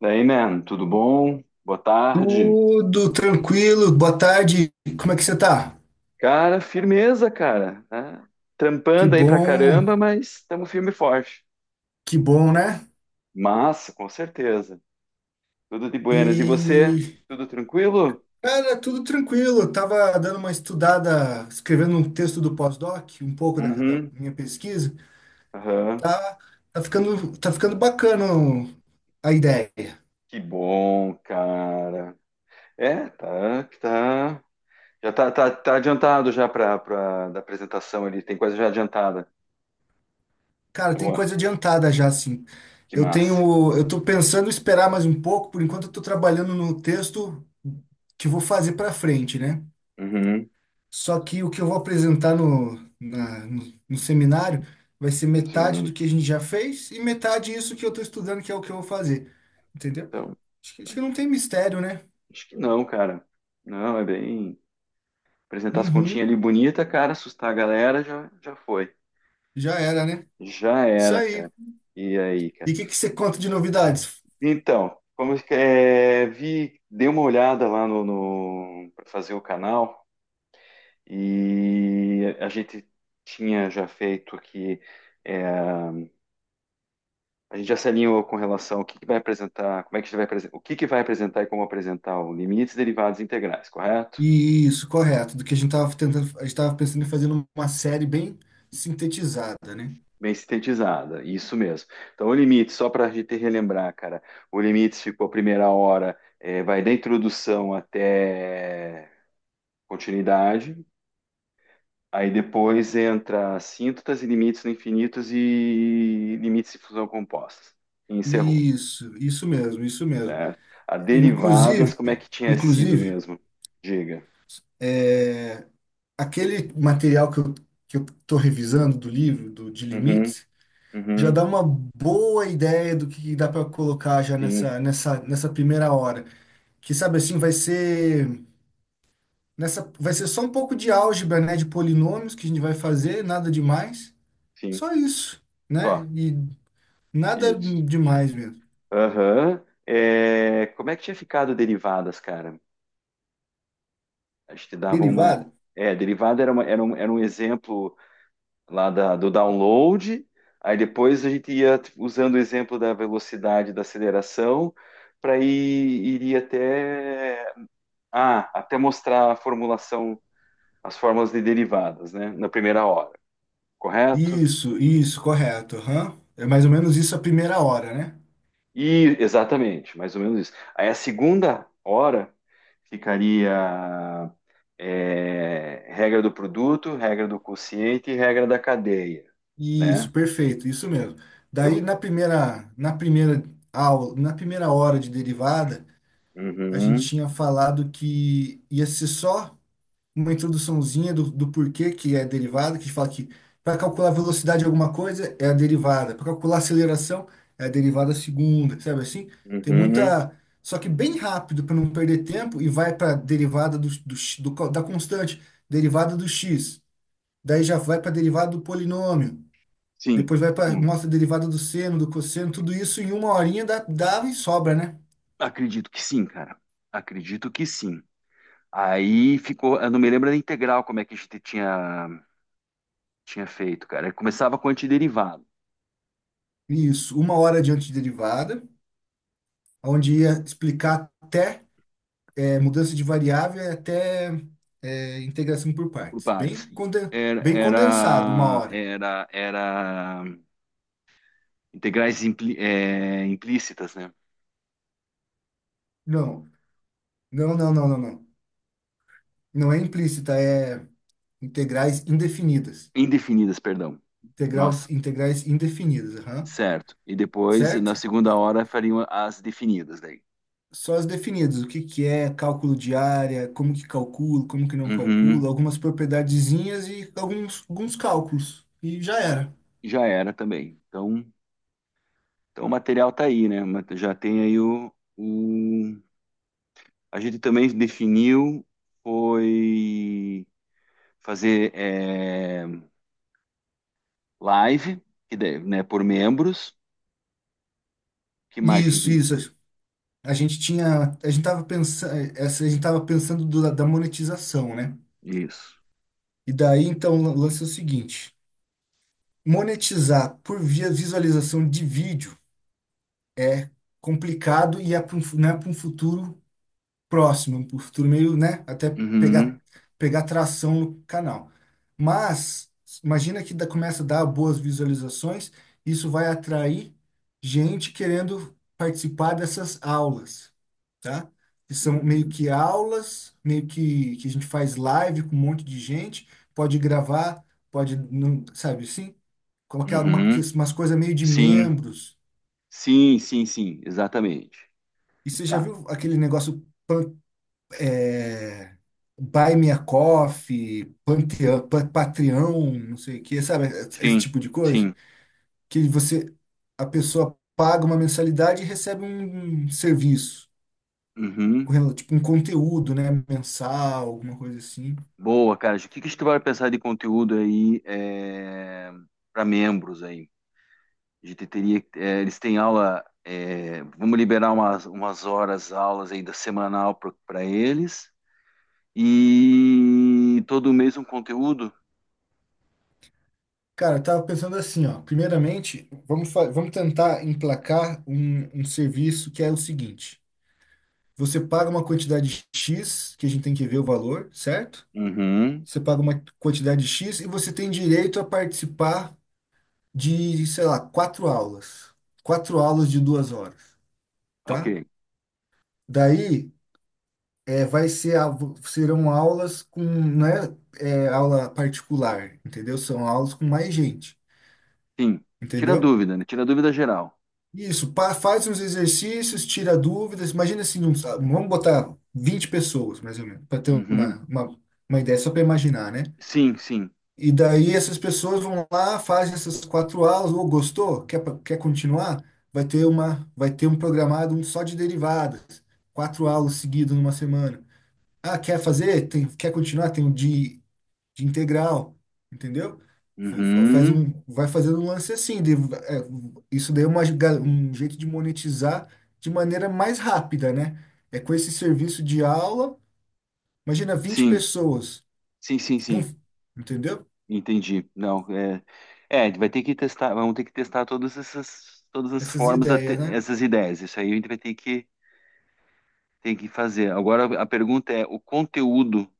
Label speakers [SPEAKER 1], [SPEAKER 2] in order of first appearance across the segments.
[SPEAKER 1] Daí, man, tudo bom? Boa tarde.
[SPEAKER 2] Tudo tranquilo, boa tarde. Como é que você tá?
[SPEAKER 1] Cara, firmeza, cara, né?
[SPEAKER 2] Que
[SPEAKER 1] Trampando aí pra
[SPEAKER 2] bom,
[SPEAKER 1] caramba, mas estamos firme e forte.
[SPEAKER 2] que bom, né?
[SPEAKER 1] Massa, com certeza. Tudo de buenas. E você?
[SPEAKER 2] E,
[SPEAKER 1] Tudo tranquilo?
[SPEAKER 2] cara, tudo tranquilo. Eu tava dando uma estudada, escrevendo um texto do pós-doc, um pouco da
[SPEAKER 1] Uhum.
[SPEAKER 2] minha pesquisa.
[SPEAKER 1] Aham.
[SPEAKER 2] Tá, tá ficando, tá ficando bacana a ideia.
[SPEAKER 1] Que bom, cara. É, tá, tá. Já tá adiantado já pra da apresentação ali. Tem coisa já adiantada.
[SPEAKER 2] Cara, tem
[SPEAKER 1] Boa.
[SPEAKER 2] coisa adiantada já, assim.
[SPEAKER 1] Que
[SPEAKER 2] Eu
[SPEAKER 1] massa.
[SPEAKER 2] tenho, eu tô pensando em esperar mais um pouco, por enquanto eu tô trabalhando no texto que vou fazer pra frente, né?
[SPEAKER 1] Uhum.
[SPEAKER 2] Só que o que eu vou apresentar no seminário vai ser
[SPEAKER 1] Um
[SPEAKER 2] metade do
[SPEAKER 1] segundo.
[SPEAKER 2] que a gente já fez e metade isso que eu estou estudando, que é o que eu vou fazer. Entendeu?
[SPEAKER 1] Então,
[SPEAKER 2] Acho que não tem mistério, né?
[SPEAKER 1] acho que não, cara. Não, é bem. Apresentar as continhas ali
[SPEAKER 2] Uhum,
[SPEAKER 1] bonita, cara, assustar a galera, já foi.
[SPEAKER 2] já era, né?
[SPEAKER 1] Já
[SPEAKER 2] Isso
[SPEAKER 1] era,
[SPEAKER 2] aí.
[SPEAKER 1] cara. E aí, cara?
[SPEAKER 2] E o que você conta de novidades?
[SPEAKER 1] Então, como é, vi, dei uma olhada lá no para fazer o canal e a gente tinha já feito aqui. é, a gente já se alinhou com relação ao que vai apresentar, como é que a gente vai o que, que vai apresentar e como apresentar o limites derivados integrais, correto?
[SPEAKER 2] Isso, correto. Do que a gente estava tentando, a gente estava pensando em fazer uma série bem sintetizada, né?
[SPEAKER 1] Bem sintetizada, isso mesmo. Então, o limite, só para a gente relembrar, cara, o limite ficou a primeira hora, vai da introdução até continuidade, aí depois entra síntotas e limites no infinitos e limites de fusão compostas. E encerrou,
[SPEAKER 2] Isso mesmo, isso mesmo.
[SPEAKER 1] certo? A derivadas,
[SPEAKER 2] Inclusive,
[SPEAKER 1] como é que tinha sido
[SPEAKER 2] inclusive.
[SPEAKER 1] mesmo? Diga.
[SPEAKER 2] é, Aquele material que eu estou revisando do livro, do, de
[SPEAKER 1] Uhum,
[SPEAKER 2] limites, já
[SPEAKER 1] uhum,
[SPEAKER 2] dá uma boa ideia do que dá para colocar já
[SPEAKER 1] sim,
[SPEAKER 2] nessa primeira hora. Que sabe assim, vai ser nessa, vai ser só um pouco de álgebra, né, de polinômios que a gente vai fazer, nada demais,
[SPEAKER 1] sim,
[SPEAKER 2] só isso, né?
[SPEAKER 1] só,
[SPEAKER 2] E nada
[SPEAKER 1] isso.
[SPEAKER 2] demais mesmo.
[SPEAKER 1] Aham. Como é que tinha ficado derivadas, cara? A gente dava uma.
[SPEAKER 2] Derivada?
[SPEAKER 1] É, derivada era, era um exemplo lá da, do download, aí depois a gente ia usando o exemplo da velocidade da aceleração para ir iria até até mostrar a formulação, as fórmulas de derivadas, né, na primeira hora, correto?
[SPEAKER 2] Isso, correto. Aham. É mais ou menos isso a primeira hora, né?
[SPEAKER 1] E exatamente, mais ou menos isso. Aí a segunda hora ficaria regra do produto, regra do quociente e regra da cadeia, né?
[SPEAKER 2] Isso, perfeito, isso mesmo. Daí
[SPEAKER 1] Eu...
[SPEAKER 2] na primeira aula, na primeira hora de derivada, a gente
[SPEAKER 1] Uhum,
[SPEAKER 2] tinha falado que ia ser só uma introduçãozinha do porquê que é derivada, que fala que para calcular a velocidade de alguma coisa é a derivada, para calcular a aceleração é a derivada segunda, sabe assim? Tem
[SPEAKER 1] uhum.
[SPEAKER 2] muita. Só que bem rápido para não perder tempo e vai para derivada do, do, x- do co- da constante, derivada do x, daí já vai para derivada do polinômio.
[SPEAKER 1] Sim,
[SPEAKER 2] Depois vai para
[SPEAKER 1] sim.
[SPEAKER 2] mostra a derivada do seno, do cosseno, tudo isso em uma horinha dá e sobra, né?
[SPEAKER 1] Acredito que sim, cara. Acredito que sim. Aí ficou, eu não me lembro da integral como é que a gente tinha feito, cara. Começava com antiderivado,
[SPEAKER 2] Isso, uma hora de antiderivada, onde ia explicar até mudança de variável e até integração por
[SPEAKER 1] por
[SPEAKER 2] partes.
[SPEAKER 1] partes.
[SPEAKER 2] Bem, conde-
[SPEAKER 1] Era,
[SPEAKER 2] bem condensado, uma
[SPEAKER 1] era,
[SPEAKER 2] hora.
[SPEAKER 1] era, era integrais implícitas, né?
[SPEAKER 2] Não, não, não. Não é implícita, é integrais indefinidas.
[SPEAKER 1] Indefinidas, perdão.
[SPEAKER 2] Integral,
[SPEAKER 1] Nossa,
[SPEAKER 2] integrais indefinidas, aham.
[SPEAKER 1] certo. E depois, na
[SPEAKER 2] Certo?
[SPEAKER 1] segunda hora, fariam as definidas daí.
[SPEAKER 2] Só as definidas, o que que é cálculo de área, como que calcula, como que não
[SPEAKER 1] Uhum.
[SPEAKER 2] calcula, algumas propriedadezinhas e alguns, alguns cálculos. E já era.
[SPEAKER 1] Já era também. Então o material está aí, né? Ma- Já tem aí o. A gente também definiu foi fazer live, que daí, né, por membros. Que mais
[SPEAKER 2] Isso,
[SPEAKER 1] que
[SPEAKER 2] isso. A gente tinha, a gente tava pensando, essa, a gente tava pensando do- da monetização, né?
[SPEAKER 1] isso?
[SPEAKER 2] E daí então o lance é o seguinte, monetizar por via visualização de vídeo, complicado e é para um, fu- não é para um futuro próximo, pro futuro meio, né? Até pegar,
[SPEAKER 1] Uhum,
[SPEAKER 2] pegar tração no canal. Mas imagina que dá- começa a dar boas visualizações, isso vai atrair gente querendo participar dessas aulas, tá? Que são meio
[SPEAKER 1] uhum,
[SPEAKER 2] que aulas, meio que a gente faz live com um monte de gente, pode gravar, pode, não, sabe assim? Colocar uma, que
[SPEAKER 1] uhum.
[SPEAKER 2] umas coisas meio de
[SPEAKER 1] Sim,
[SPEAKER 2] membros.
[SPEAKER 1] sim, exatamente.
[SPEAKER 2] E você já
[SPEAKER 1] Tá.
[SPEAKER 2] viu aquele negócio é, Buy Me a Coffee, Panteão, Pa- Patreon, não sei o que, sabe? Esse
[SPEAKER 1] Sim,
[SPEAKER 2] tipo de coisa.
[SPEAKER 1] sim.
[SPEAKER 2] Que você, a pessoa paga uma mensalidade e recebe um serviço,
[SPEAKER 1] Uhum.
[SPEAKER 2] com tipo um conteúdo, né? Mensal, alguma coisa assim.
[SPEAKER 1] Boa, cara. O que que a gente vai pensar de conteúdo aí, para membros aí? A gente teria, é, eles têm aula, é, vamos liberar umas horas, aulas ainda semanal para eles. E todo mês um conteúdo?
[SPEAKER 2] Cara, eu tava pensando assim, ó. Primeiramente, vamos, fa- vamos tentar emplacar um serviço que é o seguinte. Você paga uma quantidade X, que a gente tem que ver o valor, certo?
[SPEAKER 1] Uhum.
[SPEAKER 2] Você paga uma quantidade X e você tem direito a participar de, sei lá, quatro aulas. Quatro aulas de duas horas,
[SPEAKER 1] Ok.
[SPEAKER 2] tá? Daí, é, vai ser, a- serão aulas com, não é, é, aula particular, entendeu? São aulas com mais gente,
[SPEAKER 1] Sim. Tira
[SPEAKER 2] entendeu?
[SPEAKER 1] dúvida, né? Tira dúvida geral.
[SPEAKER 2] Isso, pa- faz uns exercícios, tira dúvidas. Imagina assim, uns- vamos botar 20 pessoas, mais ou menos, para ter
[SPEAKER 1] Uhum.
[SPEAKER 2] uma ideia, só para imaginar, né?
[SPEAKER 1] Sim, sim.
[SPEAKER 2] E daí essas pessoas vão lá, fazem essas quatro aulas, ou gostou, quer, pa- quer continuar? Vai ter uma, vai ter um programado um só de derivadas, quatro aulas seguidas numa semana. Ah, quer fazer? Tem, quer continuar? Tem um de integral, entendeu? Faz
[SPEAKER 1] Uhum.
[SPEAKER 2] um, vai fazendo um lance assim. Isso daí é uma ga- um jeito de monetizar de maneira mais rápida, né? É com esse serviço de aula, imagina vinte
[SPEAKER 1] Sim.
[SPEAKER 2] pessoas,
[SPEAKER 1] Sim, sim,
[SPEAKER 2] não-
[SPEAKER 1] sim.
[SPEAKER 2] entendeu?
[SPEAKER 1] Entendi. Não, vai ter que testar, vamos ter que testar todas essas, todas as
[SPEAKER 2] Essas
[SPEAKER 1] formas, até-
[SPEAKER 2] ideias, né?
[SPEAKER 1] essas ideias. Isso aí a gente vai ter que fazer. Agora a pergunta é, o conteúdo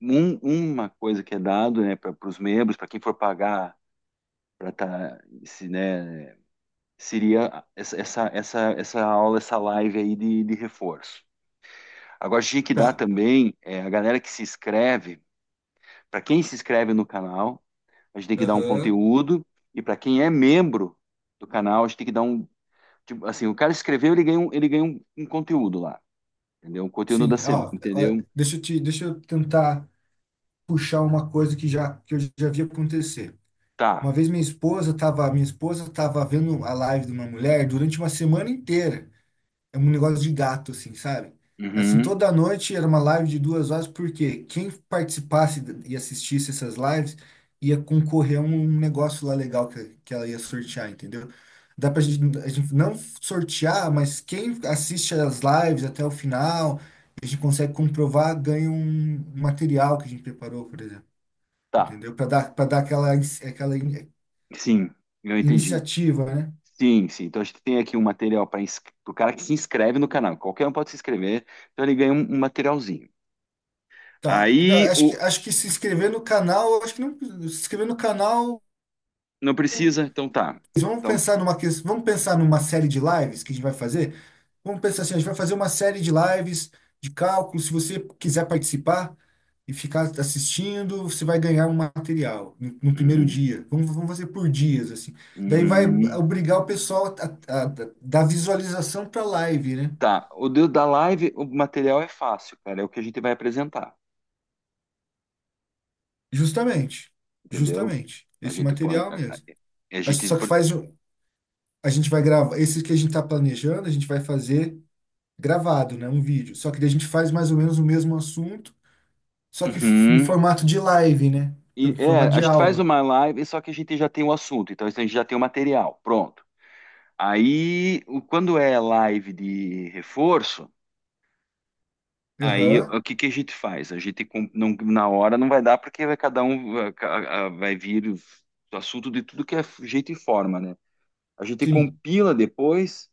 [SPEAKER 1] um- uma coisa que é dado, né, para os membros, para quem for pagar para tá, se, né, seria essa aula, essa live aí de reforço. Agora, tinha que dar
[SPEAKER 2] Tá.
[SPEAKER 1] também a galera que se inscreve, para quem se inscreve no canal, a gente tem que dar um
[SPEAKER 2] Aham.
[SPEAKER 1] conteúdo, e para quem é membro do canal, a gente tem que dar um, tipo, assim, o cara escreveu, ele ganha um, um conteúdo lá, entendeu? Um conteúdo da
[SPEAKER 2] Sim,
[SPEAKER 1] semana,
[SPEAKER 2] ó, ó,
[SPEAKER 1] entendeu?
[SPEAKER 2] deixa eu tentar puxar uma coisa que já que eu já vi acontecer.
[SPEAKER 1] Tá,
[SPEAKER 2] Uma vez minha esposa tava vendo a live de uma mulher durante uma semana inteira. É um negócio de gato, assim, sabe? Assim,
[SPEAKER 1] uhum,
[SPEAKER 2] toda noite era uma live de duas horas, porque quem participasse e assistisse essas lives ia concorrer a um negócio lá legal que ela ia sortear, entendeu? Dá pra gente, a gente não sortear, mas quem assiste as lives até o final, a gente consegue comprovar, ganha um material que a gente preparou, por exemplo,
[SPEAKER 1] tá,
[SPEAKER 2] entendeu? Para dar aquela, inici- aquela in-
[SPEAKER 1] sim, eu entendi.
[SPEAKER 2] iniciativa, né?
[SPEAKER 1] Sim, sim. Então a gente tem aqui um material para o cara que se inscreve no canal. Qualquer um pode se inscrever, então ele ganha um, um materialzinho.
[SPEAKER 2] Tá, não,
[SPEAKER 1] Aí o
[SPEAKER 2] acho que se inscrever no canal, acho que não, se inscrever no canal
[SPEAKER 1] não precisa, então tá.
[SPEAKER 2] vamos
[SPEAKER 1] Então,
[SPEAKER 2] pensar numa ques- vamos pensar numa série de lives que a gente vai fazer. Vamos pensar assim, a gente vai fazer uma série de lives de cálculo. Se você quiser participar e ficar assistindo, você vai ganhar um material no primeiro
[SPEAKER 1] uhum,
[SPEAKER 2] dia. Vamos fazer por dias assim. Daí vai
[SPEAKER 1] uhum.
[SPEAKER 2] obrigar o pessoal a dar visualização para a live, né?
[SPEAKER 1] Tá. O do- da live, o material é fácil, cara. É o que a gente vai apresentar,
[SPEAKER 2] Justamente,
[SPEAKER 1] entendeu?
[SPEAKER 2] justamente
[SPEAKER 1] A
[SPEAKER 2] esse
[SPEAKER 1] gente pode,
[SPEAKER 2] material mesmo.
[SPEAKER 1] a
[SPEAKER 2] Acho-
[SPEAKER 1] gente,
[SPEAKER 2] Só que faz, um- a gente vai gravar. Esse que a gente está planejando, a gente vai fazer gravado, né? Um vídeo. Só que daí a gente faz mais ou menos o mesmo assunto, só que f- em
[SPEAKER 1] uhum.
[SPEAKER 2] formato de live, né?
[SPEAKER 1] E
[SPEAKER 2] Em
[SPEAKER 1] é,
[SPEAKER 2] formato
[SPEAKER 1] a
[SPEAKER 2] de
[SPEAKER 1] gente faz
[SPEAKER 2] aula.
[SPEAKER 1] uma live, só que a gente já tem o assunto. Então a gente já tem o material, pronto. Aí, o- quando é live de reforço. Aí,
[SPEAKER 2] Aham,
[SPEAKER 1] o que que a gente faz? A gente com- não, na hora não vai dar porque vai cada um vai ca- a- vai vir o assunto de tudo que é jeito e forma, né? A gente
[SPEAKER 2] sim.
[SPEAKER 1] compila depois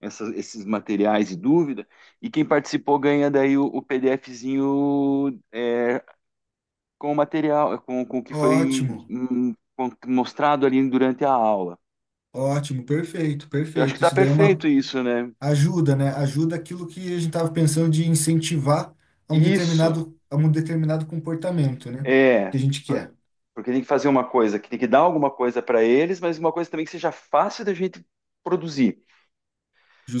[SPEAKER 1] essas- esses materiais e dúvida e quem participou ganha daí o PDFzinho com o material, com o que foi
[SPEAKER 2] Ótimo,
[SPEAKER 1] com- mostrado ali durante a aula.
[SPEAKER 2] ótimo, perfeito,
[SPEAKER 1] Eu acho que
[SPEAKER 2] perfeito.
[SPEAKER 1] tá
[SPEAKER 2] Isso daí é
[SPEAKER 1] perfeito
[SPEAKER 2] uma
[SPEAKER 1] isso, né?
[SPEAKER 2] ajuda, né? Ajuda aquilo que a gente estava pensando de incentivar a um
[SPEAKER 1] Isso,
[SPEAKER 2] determinado, a um determinado comportamento, né? Que
[SPEAKER 1] é.
[SPEAKER 2] a gente quer,
[SPEAKER 1] Porque tem que fazer uma coisa que tem que dar alguma coisa para eles, mas uma coisa também que seja fácil da gente produzir.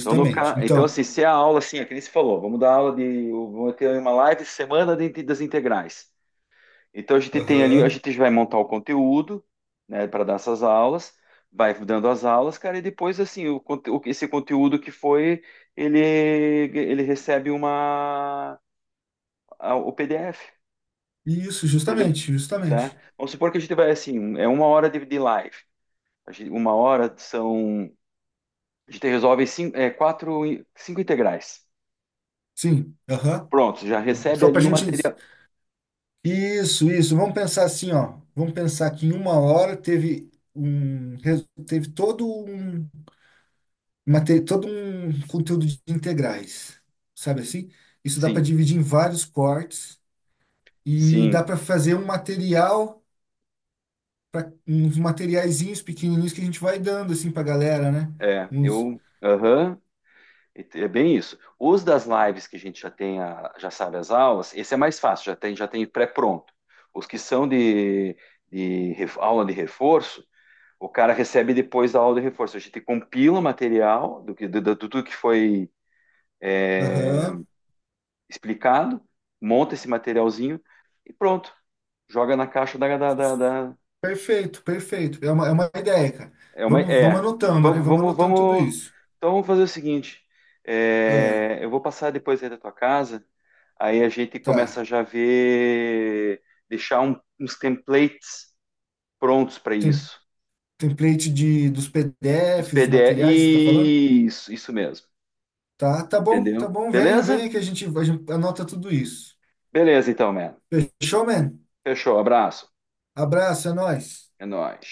[SPEAKER 1] Então, no, ca- então
[SPEAKER 2] Então,
[SPEAKER 1] assim, se é a aula, assim, é que nem se falou, vamos dar aula de. Vamos ter uma live semana de- das integrais. Então, a gente tem ali, a
[SPEAKER 2] aham.
[SPEAKER 1] gente vai montar o conteúdo, né, para dar essas aulas, vai dando as aulas, cara, e depois, assim, o, conte- o- esse conteúdo que foi, ele, ele recebe uma, a- o PDF,
[SPEAKER 2] Isso,
[SPEAKER 1] por exemplo,
[SPEAKER 2] justamente,
[SPEAKER 1] tá?
[SPEAKER 2] justamente.
[SPEAKER 1] Vamos supor que a gente vai, assim, é uma hora de live. A gente- uma hora são. A gente resolve cinco, é, quatro, cinco integrais.
[SPEAKER 2] Sim, aham.
[SPEAKER 1] Pronto, já recebe
[SPEAKER 2] Só para a
[SPEAKER 1] ali o
[SPEAKER 2] gente
[SPEAKER 1] material.
[SPEAKER 2] isso, isso. Vamos pensar assim, ó. Vamos pensar que em uma hora teve teve todo todo um conteúdo de integrais, sabe assim? Isso dá para
[SPEAKER 1] Sim,
[SPEAKER 2] dividir em vários cortes e dá
[SPEAKER 1] sim,
[SPEAKER 2] para fazer um material para uns materiaizinhos pequenininhos que a gente vai dando assim para galera, né?
[SPEAKER 1] é.
[SPEAKER 2] Uns,
[SPEAKER 1] Eu. Aham. É bem isso. Os das lives que a gente já tem, a- já sabe as aulas, esse é mais fácil, já tem pré-pronto. Os que são de ref- aula de reforço, o cara recebe depois da aula de reforço. A gente compila o material do que, do, do, do tudo que foi
[SPEAKER 2] aham,
[SPEAKER 1] explicado, monta esse materialzinho e pronto. Joga na caixa da, da, da- da-
[SPEAKER 2] perfeito, perfeito. É uma ideia, cara.
[SPEAKER 1] É uma.
[SPEAKER 2] Vamos
[SPEAKER 1] É.
[SPEAKER 2] anotando, né?
[SPEAKER 1] Vamos,
[SPEAKER 2] Vamos
[SPEAKER 1] vamos,
[SPEAKER 2] anotando tudo
[SPEAKER 1] vamos.
[SPEAKER 2] isso.
[SPEAKER 1] Então vamos fazer o seguinte.
[SPEAKER 2] Ah,
[SPEAKER 1] É, eu vou passar depois aí da tua casa. Aí a gente
[SPEAKER 2] tá.
[SPEAKER 1] começa já a ver, deixar um- uns templates prontos para
[SPEAKER 2] Tem
[SPEAKER 1] isso.
[SPEAKER 2] template dos
[SPEAKER 1] Os
[SPEAKER 2] PDFs, de
[SPEAKER 1] PDF.
[SPEAKER 2] materiais, você está falando?
[SPEAKER 1] Isso, isso mesmo.
[SPEAKER 2] Tá bom, tá
[SPEAKER 1] Entendeu?
[SPEAKER 2] bom. Venha,
[SPEAKER 1] Beleza?
[SPEAKER 2] venha que a gente anota tudo isso.
[SPEAKER 1] Beleza, então, mano.
[SPEAKER 2] Fechou, man?
[SPEAKER 1] Fechou. Abraço.
[SPEAKER 2] Abraço, é nóis.
[SPEAKER 1] É nóis.